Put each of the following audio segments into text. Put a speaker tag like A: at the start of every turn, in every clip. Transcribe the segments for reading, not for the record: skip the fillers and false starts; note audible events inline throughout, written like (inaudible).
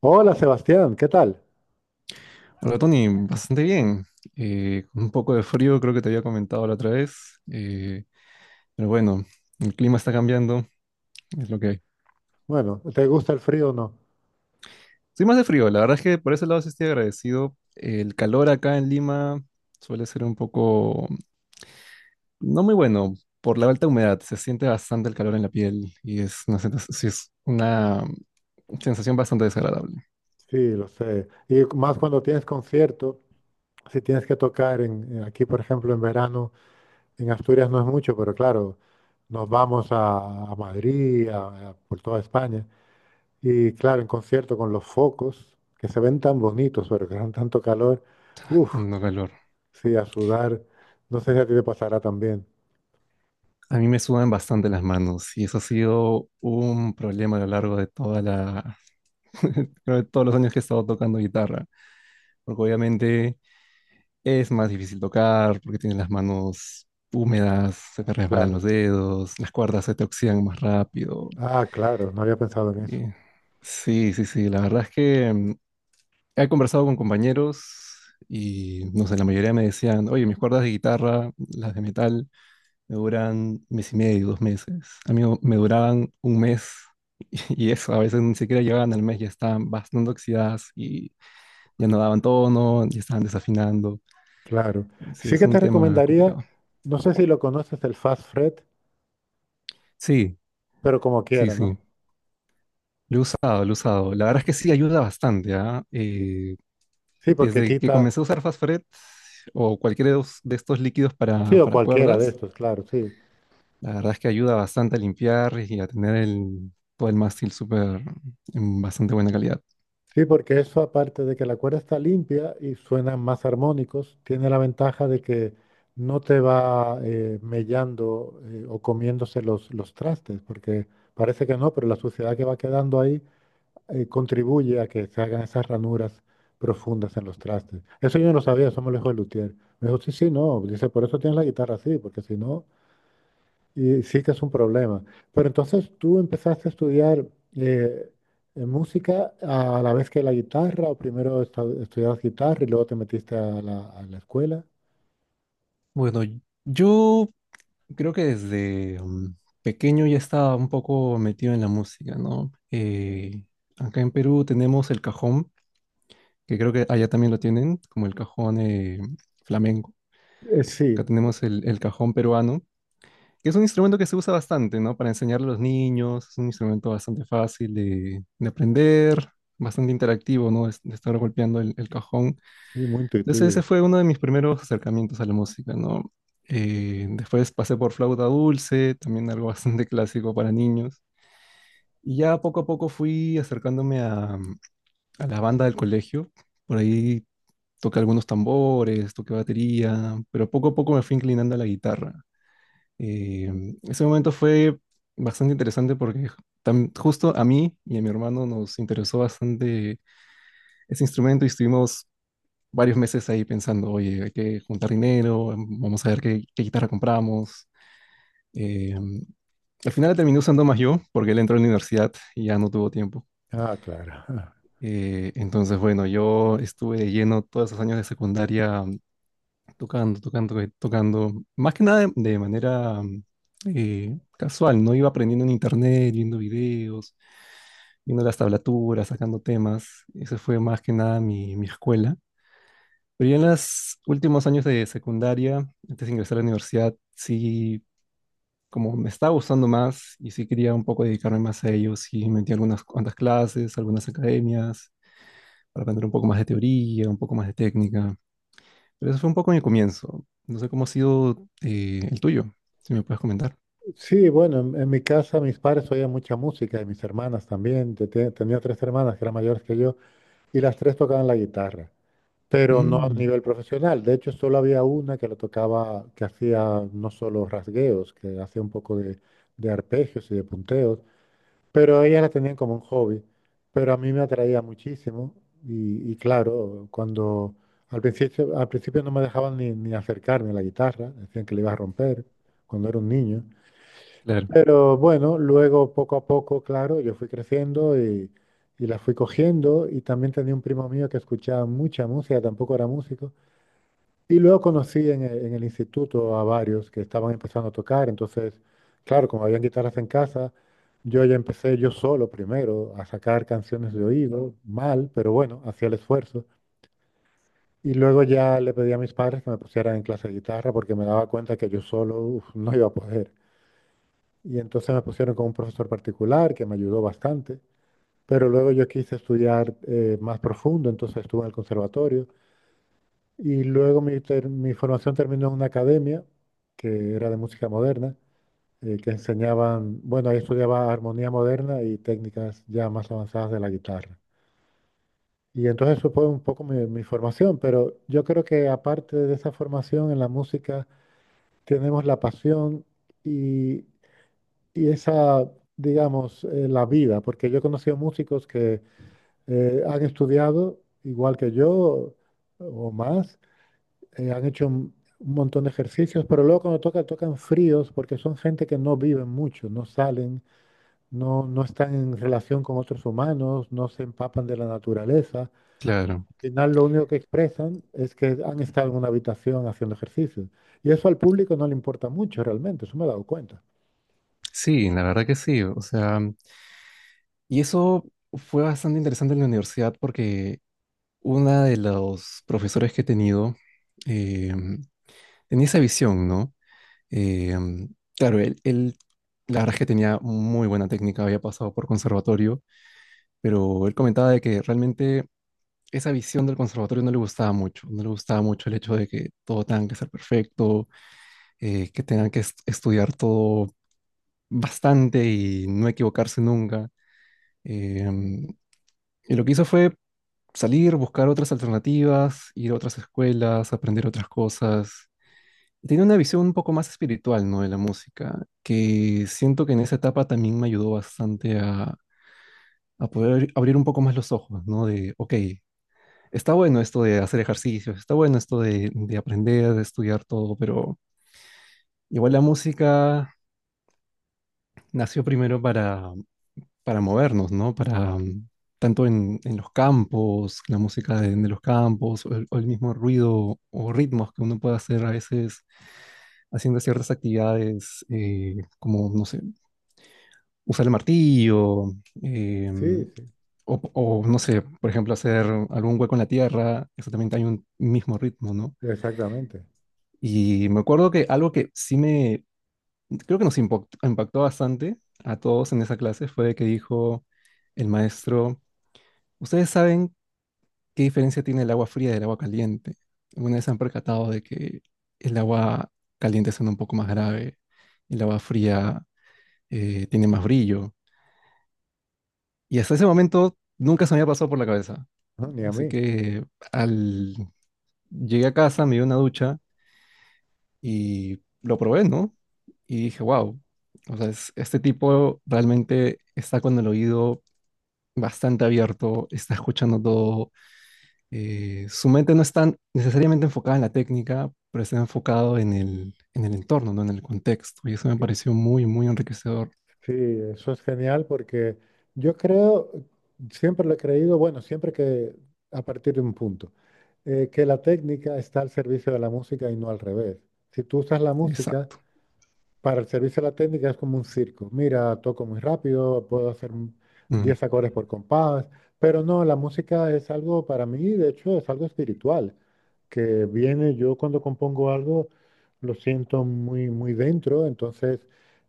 A: Hola Sebastián, ¿qué tal?
B: Hola Tony, bastante bien. Con un poco de frío, creo que te había comentado la otra vez. Pero bueno, el clima está cambiando, es lo que hay.
A: Bueno, ¿te gusta el frío o no?
B: Soy más de frío, la verdad es que por ese lado sí estoy agradecido. El calor acá en Lima suele ser un poco, no muy bueno, por la alta humedad. Se siente bastante el calor en la piel y es una, sí, es una sensación bastante desagradable,
A: Sí, lo sé. Y más cuando tienes concierto, si tienes que tocar aquí, por ejemplo, en verano, en Asturias no es mucho, pero claro, nos vamos a Madrid, por toda España. Y claro, en concierto con los focos, que se ven tan bonitos, pero que dan tanto calor. Uf,
B: tanto calor.
A: sí, a sudar. No sé si a ti te pasará también.
B: A mí me sudan bastante las manos y eso ha sido un problema a lo largo de toda la, (laughs) creo que todos los años que he estado tocando guitarra, porque obviamente es más difícil tocar, porque tienes las manos húmedas, se te resbalan los
A: Claro.
B: dedos, las cuerdas se te oxidan más rápido.
A: Ah, claro, no había pensado en eso.
B: y- sí, sí, sí, la verdad es que he conversado con compañeros y, no sé, la mayoría me decían, oye, mis cuerdas de guitarra, las de metal, me duran un mes y medio, dos meses. A mí me duraban un mes. (laughs) Y eso, a veces ni siquiera llegaban al mes, ya estaban bastante oxidadas y ya no daban tono, ya estaban desafinando.
A: Claro.
B: Sí,
A: Sí
B: es
A: que
B: un
A: te
B: tema
A: recomendaría,
B: complicado.
A: no sé si lo conoces, el Fast Fret,
B: Sí,
A: pero como
B: sí,
A: quiera, ¿no?
B: sí. Lo he usado, lo he usado. La verdad es que sí ayuda bastante, ¿ah?
A: Sí, porque
B: Desde que
A: quita,
B: comencé a usar Fastfret o cualquiera de estos líquidos
A: sí, o
B: para
A: cualquiera de
B: cuerdas,
A: estos, claro, sí.
B: la verdad es que ayuda bastante a limpiar y a tener el, todo el mástil súper en bastante buena calidad.
A: Sí, porque eso aparte de que la cuerda está limpia y suenan más armónicos, tiene la ventaja de que no te va mellando o comiéndose los trastes, porque parece que no, pero la suciedad que va quedando ahí contribuye a que se hagan esas ranuras profundas en los trastes. Eso yo no lo sabía, eso me lo dijo el luthier. Me dijo, sí, sí, no. Dice, por eso tienes la guitarra así, porque si no, y sí que es un problema. Pero entonces tú empezaste a estudiar eh, música a la vez que la guitarra, o primero estudiabas guitarra y luego te metiste a la escuela.
B: Bueno, yo creo que desde pequeño ya estaba un poco metido en la música, ¿no? Acá en Perú tenemos el cajón, que creo que allá también lo tienen, como el cajón flamenco. Acá
A: Sí,
B: tenemos el cajón peruano, que es un instrumento que se usa bastante, ¿no? Para enseñarle a los niños, es un instrumento bastante fácil de aprender, bastante interactivo, ¿no? De estar golpeando el cajón.
A: sí, muy
B: Entonces ese
A: intuitivo.
B: fue uno de mis primeros acercamientos a la música, ¿no? Después pasé por flauta dulce, también algo (laughs) bastante clásico para niños. Y ya poco a poco fui acercándome a la banda del colegio. Por ahí toqué algunos tambores, toqué batería, pero poco a poco me fui inclinando a la guitarra. Eh, Ese momento fue bastante interesante porque justo a mí y a mi hermano nos interesó bastante ese instrumento y estuvimos varios meses ahí pensando, oye, hay que juntar dinero, vamos a ver qué, qué guitarra compramos. Eh, Al final la terminé usando más yo porque él entró en la universidad y ya no tuvo tiempo.
A: Ah, claro. (laughs)
B: Entonces, bueno, yo estuve de lleno todos esos años de secundaria tocando, tocando, tocando. Más que nada de, de manera casual, ¿no? Iba aprendiendo en internet, viendo videos, viendo las tablaturas, sacando temas. Esa fue más que nada mi, mi escuela. Pero ya en los últimos años de secundaria, antes de ingresar a la universidad, sí, como me estaba gustando más y sí quería un poco dedicarme más a ello, sí metí algunas cuantas clases, algunas academias, para aprender un poco más de teoría, un poco más de técnica. Pero eso fue un poco mi comienzo. No sé cómo ha sido el tuyo, si me puedes comentar.
A: Sí, bueno, en mi casa mis padres oían mucha música y mis hermanas también. Yo tenía tres hermanas que eran mayores que yo y las tres tocaban la guitarra, pero no a
B: Mm,
A: nivel profesional. De hecho, solo había una que lo tocaba, que hacía no solo rasgueos, que hacía un poco de arpegios y de punteos, pero ella la tenían como un hobby, pero a mí me atraía muchísimo y claro, cuando al principio no me dejaban ni acercarme a la guitarra, decían que le iba a romper cuando era un niño.
B: claro,
A: Pero bueno, luego poco a poco, claro, yo fui creciendo y la fui cogiendo y también tenía un primo mío que escuchaba mucha música, tampoco era músico. Y luego conocí en el instituto a varios que estaban empezando a tocar. Entonces, claro, como habían guitarras en casa, yo ya empecé yo solo primero a sacar canciones de oído, mal, pero bueno, hacía el esfuerzo. Y luego ya le pedí a mis padres que me pusieran en clase de guitarra porque me daba cuenta que yo solo, uf, no iba a poder. Y entonces me pusieron con un profesor particular que me ayudó bastante. Pero luego yo quise estudiar más profundo, entonces estuve en el conservatorio. Y luego mi formación terminó en una academia que era de música moderna, que enseñaban, bueno, ahí estudiaba armonía moderna y técnicas ya más avanzadas de la guitarra. Y entonces eso fue un poco mi formación, pero yo creo que aparte de esa formación en la música, tenemos la pasión y y esa, digamos, la vida, porque yo he conocido músicos que han estudiado igual que yo o más, han hecho un montón de ejercicios, pero luego cuando tocan, tocan fríos porque son gente que no viven mucho, no salen, no, no están en relación con otros humanos, no se empapan de la naturaleza.
B: claro.
A: Al final lo único que expresan es que han estado en una habitación haciendo ejercicios. Y eso al público no le importa mucho realmente, eso me he dado cuenta.
B: Sí, la verdad que sí. O sea, y eso fue bastante interesante en la universidad porque una de los profesores que he tenido eh, tenía esa visión, ¿no? Eh, claro, él, la verdad es que tenía muy buena técnica, había pasado por conservatorio, pero él comentaba de que realmente esa visión del conservatorio no le gustaba mucho, no le gustaba mucho el hecho de que todo tenga que ser perfecto, que tengan que estudiar todo bastante y no equivocarse nunca. Em, y lo que hizo fue salir, buscar otras alternativas, ir a otras escuelas, aprender otras cosas. Y tenía una visión un poco más espiritual, ¿no? De la música, que siento que en esa etapa también me ayudó bastante a poder abrir un poco más los ojos, ¿no? De, ok, está bueno esto de hacer ejercicios, está bueno esto de aprender, de estudiar todo, pero igual la música nació primero para movernos, ¿no? Para tanto en los campos, la música de los campos, o el mismo ruido o ritmos que uno puede hacer a veces haciendo ciertas actividades, como, no sé, usar el martillo, em,
A: Sí, sí,
B: o, no sé, por ejemplo, hacer algún hueco en la tierra, eso también hay un mismo ritmo, ¿no?
A: exactamente.
B: Y me acuerdo que algo que sí me, creo que nos impactó, impactó bastante a todos en esa clase fue que dijo el maestro, ¿ustedes saben qué diferencia tiene el agua fría del agua caliente? Alguna vez se han percatado de que el agua caliente suena un poco más grave, el agua fría tiene más brillo. Y hasta ese momento nunca se me había pasado por la cabeza.
A: No, ni a
B: Así
A: mí.
B: que al llegué a casa, me di una ducha y lo probé, ¿no? Y dije, wow, o sea, este tipo realmente está con el oído bastante abierto, está escuchando todo, su mente no está necesariamente enfocada en la técnica, pero está enfocado en el entorno, ¿no? En el contexto, y eso me pareció muy, muy enriquecedor.
A: Sí, eso es genial porque yo creo, siempre lo he creído, bueno, siempre que a partir de un punto, que la técnica está al servicio de la música y no al revés. Si tú usas la música
B: Exacto.
A: para el servicio a la técnica es como un circo. Mira, toco muy rápido, puedo hacer
B: Mm,
A: 10 acordes por compás, pero no, la música es algo para mí, de hecho, es algo espiritual, que viene yo cuando compongo algo, lo siento muy, muy dentro, entonces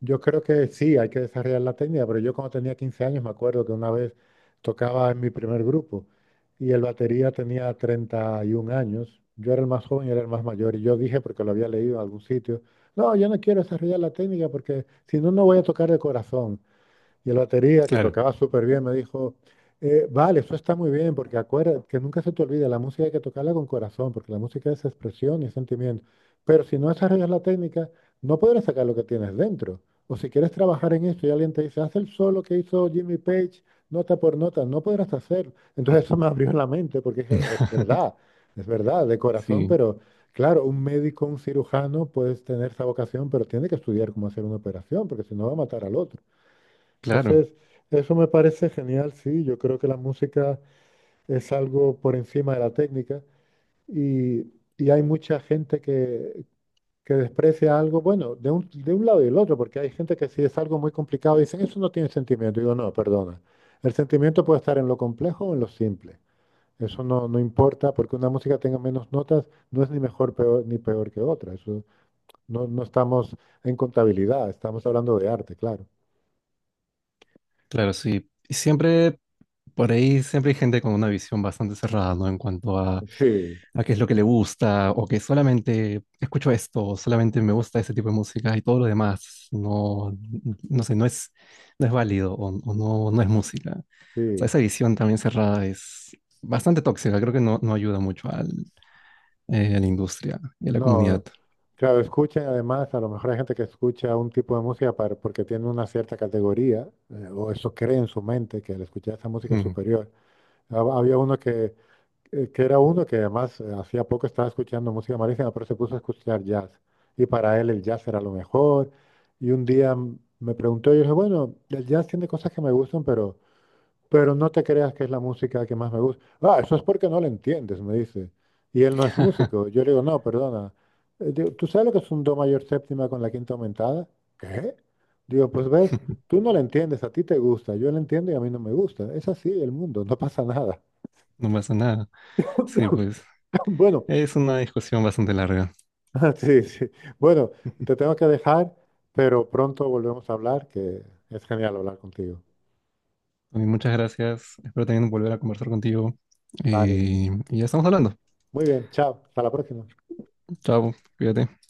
A: yo creo que sí, hay que desarrollar la técnica, pero yo cuando tenía 15 años me acuerdo que una vez tocaba en mi primer grupo y el batería tenía 31 años, yo era el más joven y era el más mayor, y yo dije, porque lo había leído en algún sitio, no, yo no quiero desarrollar la técnica porque si no, no voy a tocar el corazón. Y el batería, que
B: claro.
A: tocaba súper bien, me dijo, vale, eso está muy bien, porque acuérdate, que nunca se te olvide, la música hay que tocarla con corazón, porque la música es expresión y es sentimiento. Pero si no desarrollas la técnica, no podrás sacar lo que tienes dentro. O si quieres trabajar en esto y alguien te dice, haz el solo que hizo Jimmy Page, nota por nota, no podrás hacerlo. Entonces eso me abrió la mente, porque dije,
B: (laughs)
A: es verdad, de corazón,
B: Sí,
A: pero claro, un médico, un cirujano, puedes tener esa vocación, pero tiene que estudiar cómo hacer una operación, porque si no va a matar al otro.
B: claro,
A: Entonces, eso me parece genial, sí. Yo creo que la música es algo por encima de la técnica y, y hay mucha gente que desprecia algo, bueno, de un lado y del otro, porque hay gente que si es algo muy complicado dicen, eso no tiene sentimiento. Digo, no, perdona. El sentimiento puede estar en lo complejo o en lo simple. Eso no, no importa, porque una música tenga menos notas no es ni mejor peor, ni peor que otra. Eso no, no estamos en contabilidad, estamos hablando de arte, claro.
B: claro, sí. Y siempre, por ahí, siempre hay gente con una visión bastante cerrada, ¿no? En cuanto
A: Sí,
B: a qué es lo que le gusta, o que solamente escucho esto, o solamente me gusta ese tipo de música y todo lo demás, no, no sé, no es, no es válido o no, no es música. O sea,
A: sí.
B: esa visión también cerrada es bastante tóxica, creo que no, no ayuda mucho al, a la industria y a la comunidad.
A: No. Claro, escuchan además, a lo mejor hay gente que escucha un tipo de música para, porque tiene una cierta categoría, o eso cree en su mente, que al escuchar esa música es
B: Mm.
A: superior. Había uno que era uno que además hacía poco estaba escuchando música malísima, pero se puso a escuchar jazz. Y para él el jazz era lo mejor. Y un día me preguntó, y yo dije, bueno, el jazz tiene cosas que me gustan, pero... Pero no te creas que es la música que más me gusta. Ah, eso es porque no la entiendes, me dice. Y él no es músico.
B: (laughs)
A: Yo le digo, no, perdona. Digo, ¿tú sabes lo que es un do mayor séptima con la quinta aumentada? ¿Qué? Digo, pues ves, tú no la entiendes, a ti te gusta, yo la entiendo y a mí no me gusta. Es así el mundo, no pasa nada.
B: No pasa nada. Sí, pues
A: (laughs) Bueno,
B: es una discusión bastante larga.
A: (laughs) sí, sí. Bueno, te tengo que dejar, pero pronto volvemos a hablar, que es genial hablar contigo.
B: Tony, muchas gracias. Espero también volver a conversar contigo.
A: Vale,
B: Y ya estamos hablando.
A: muy bien, chao, hasta la próxima.
B: Chao, cuídate.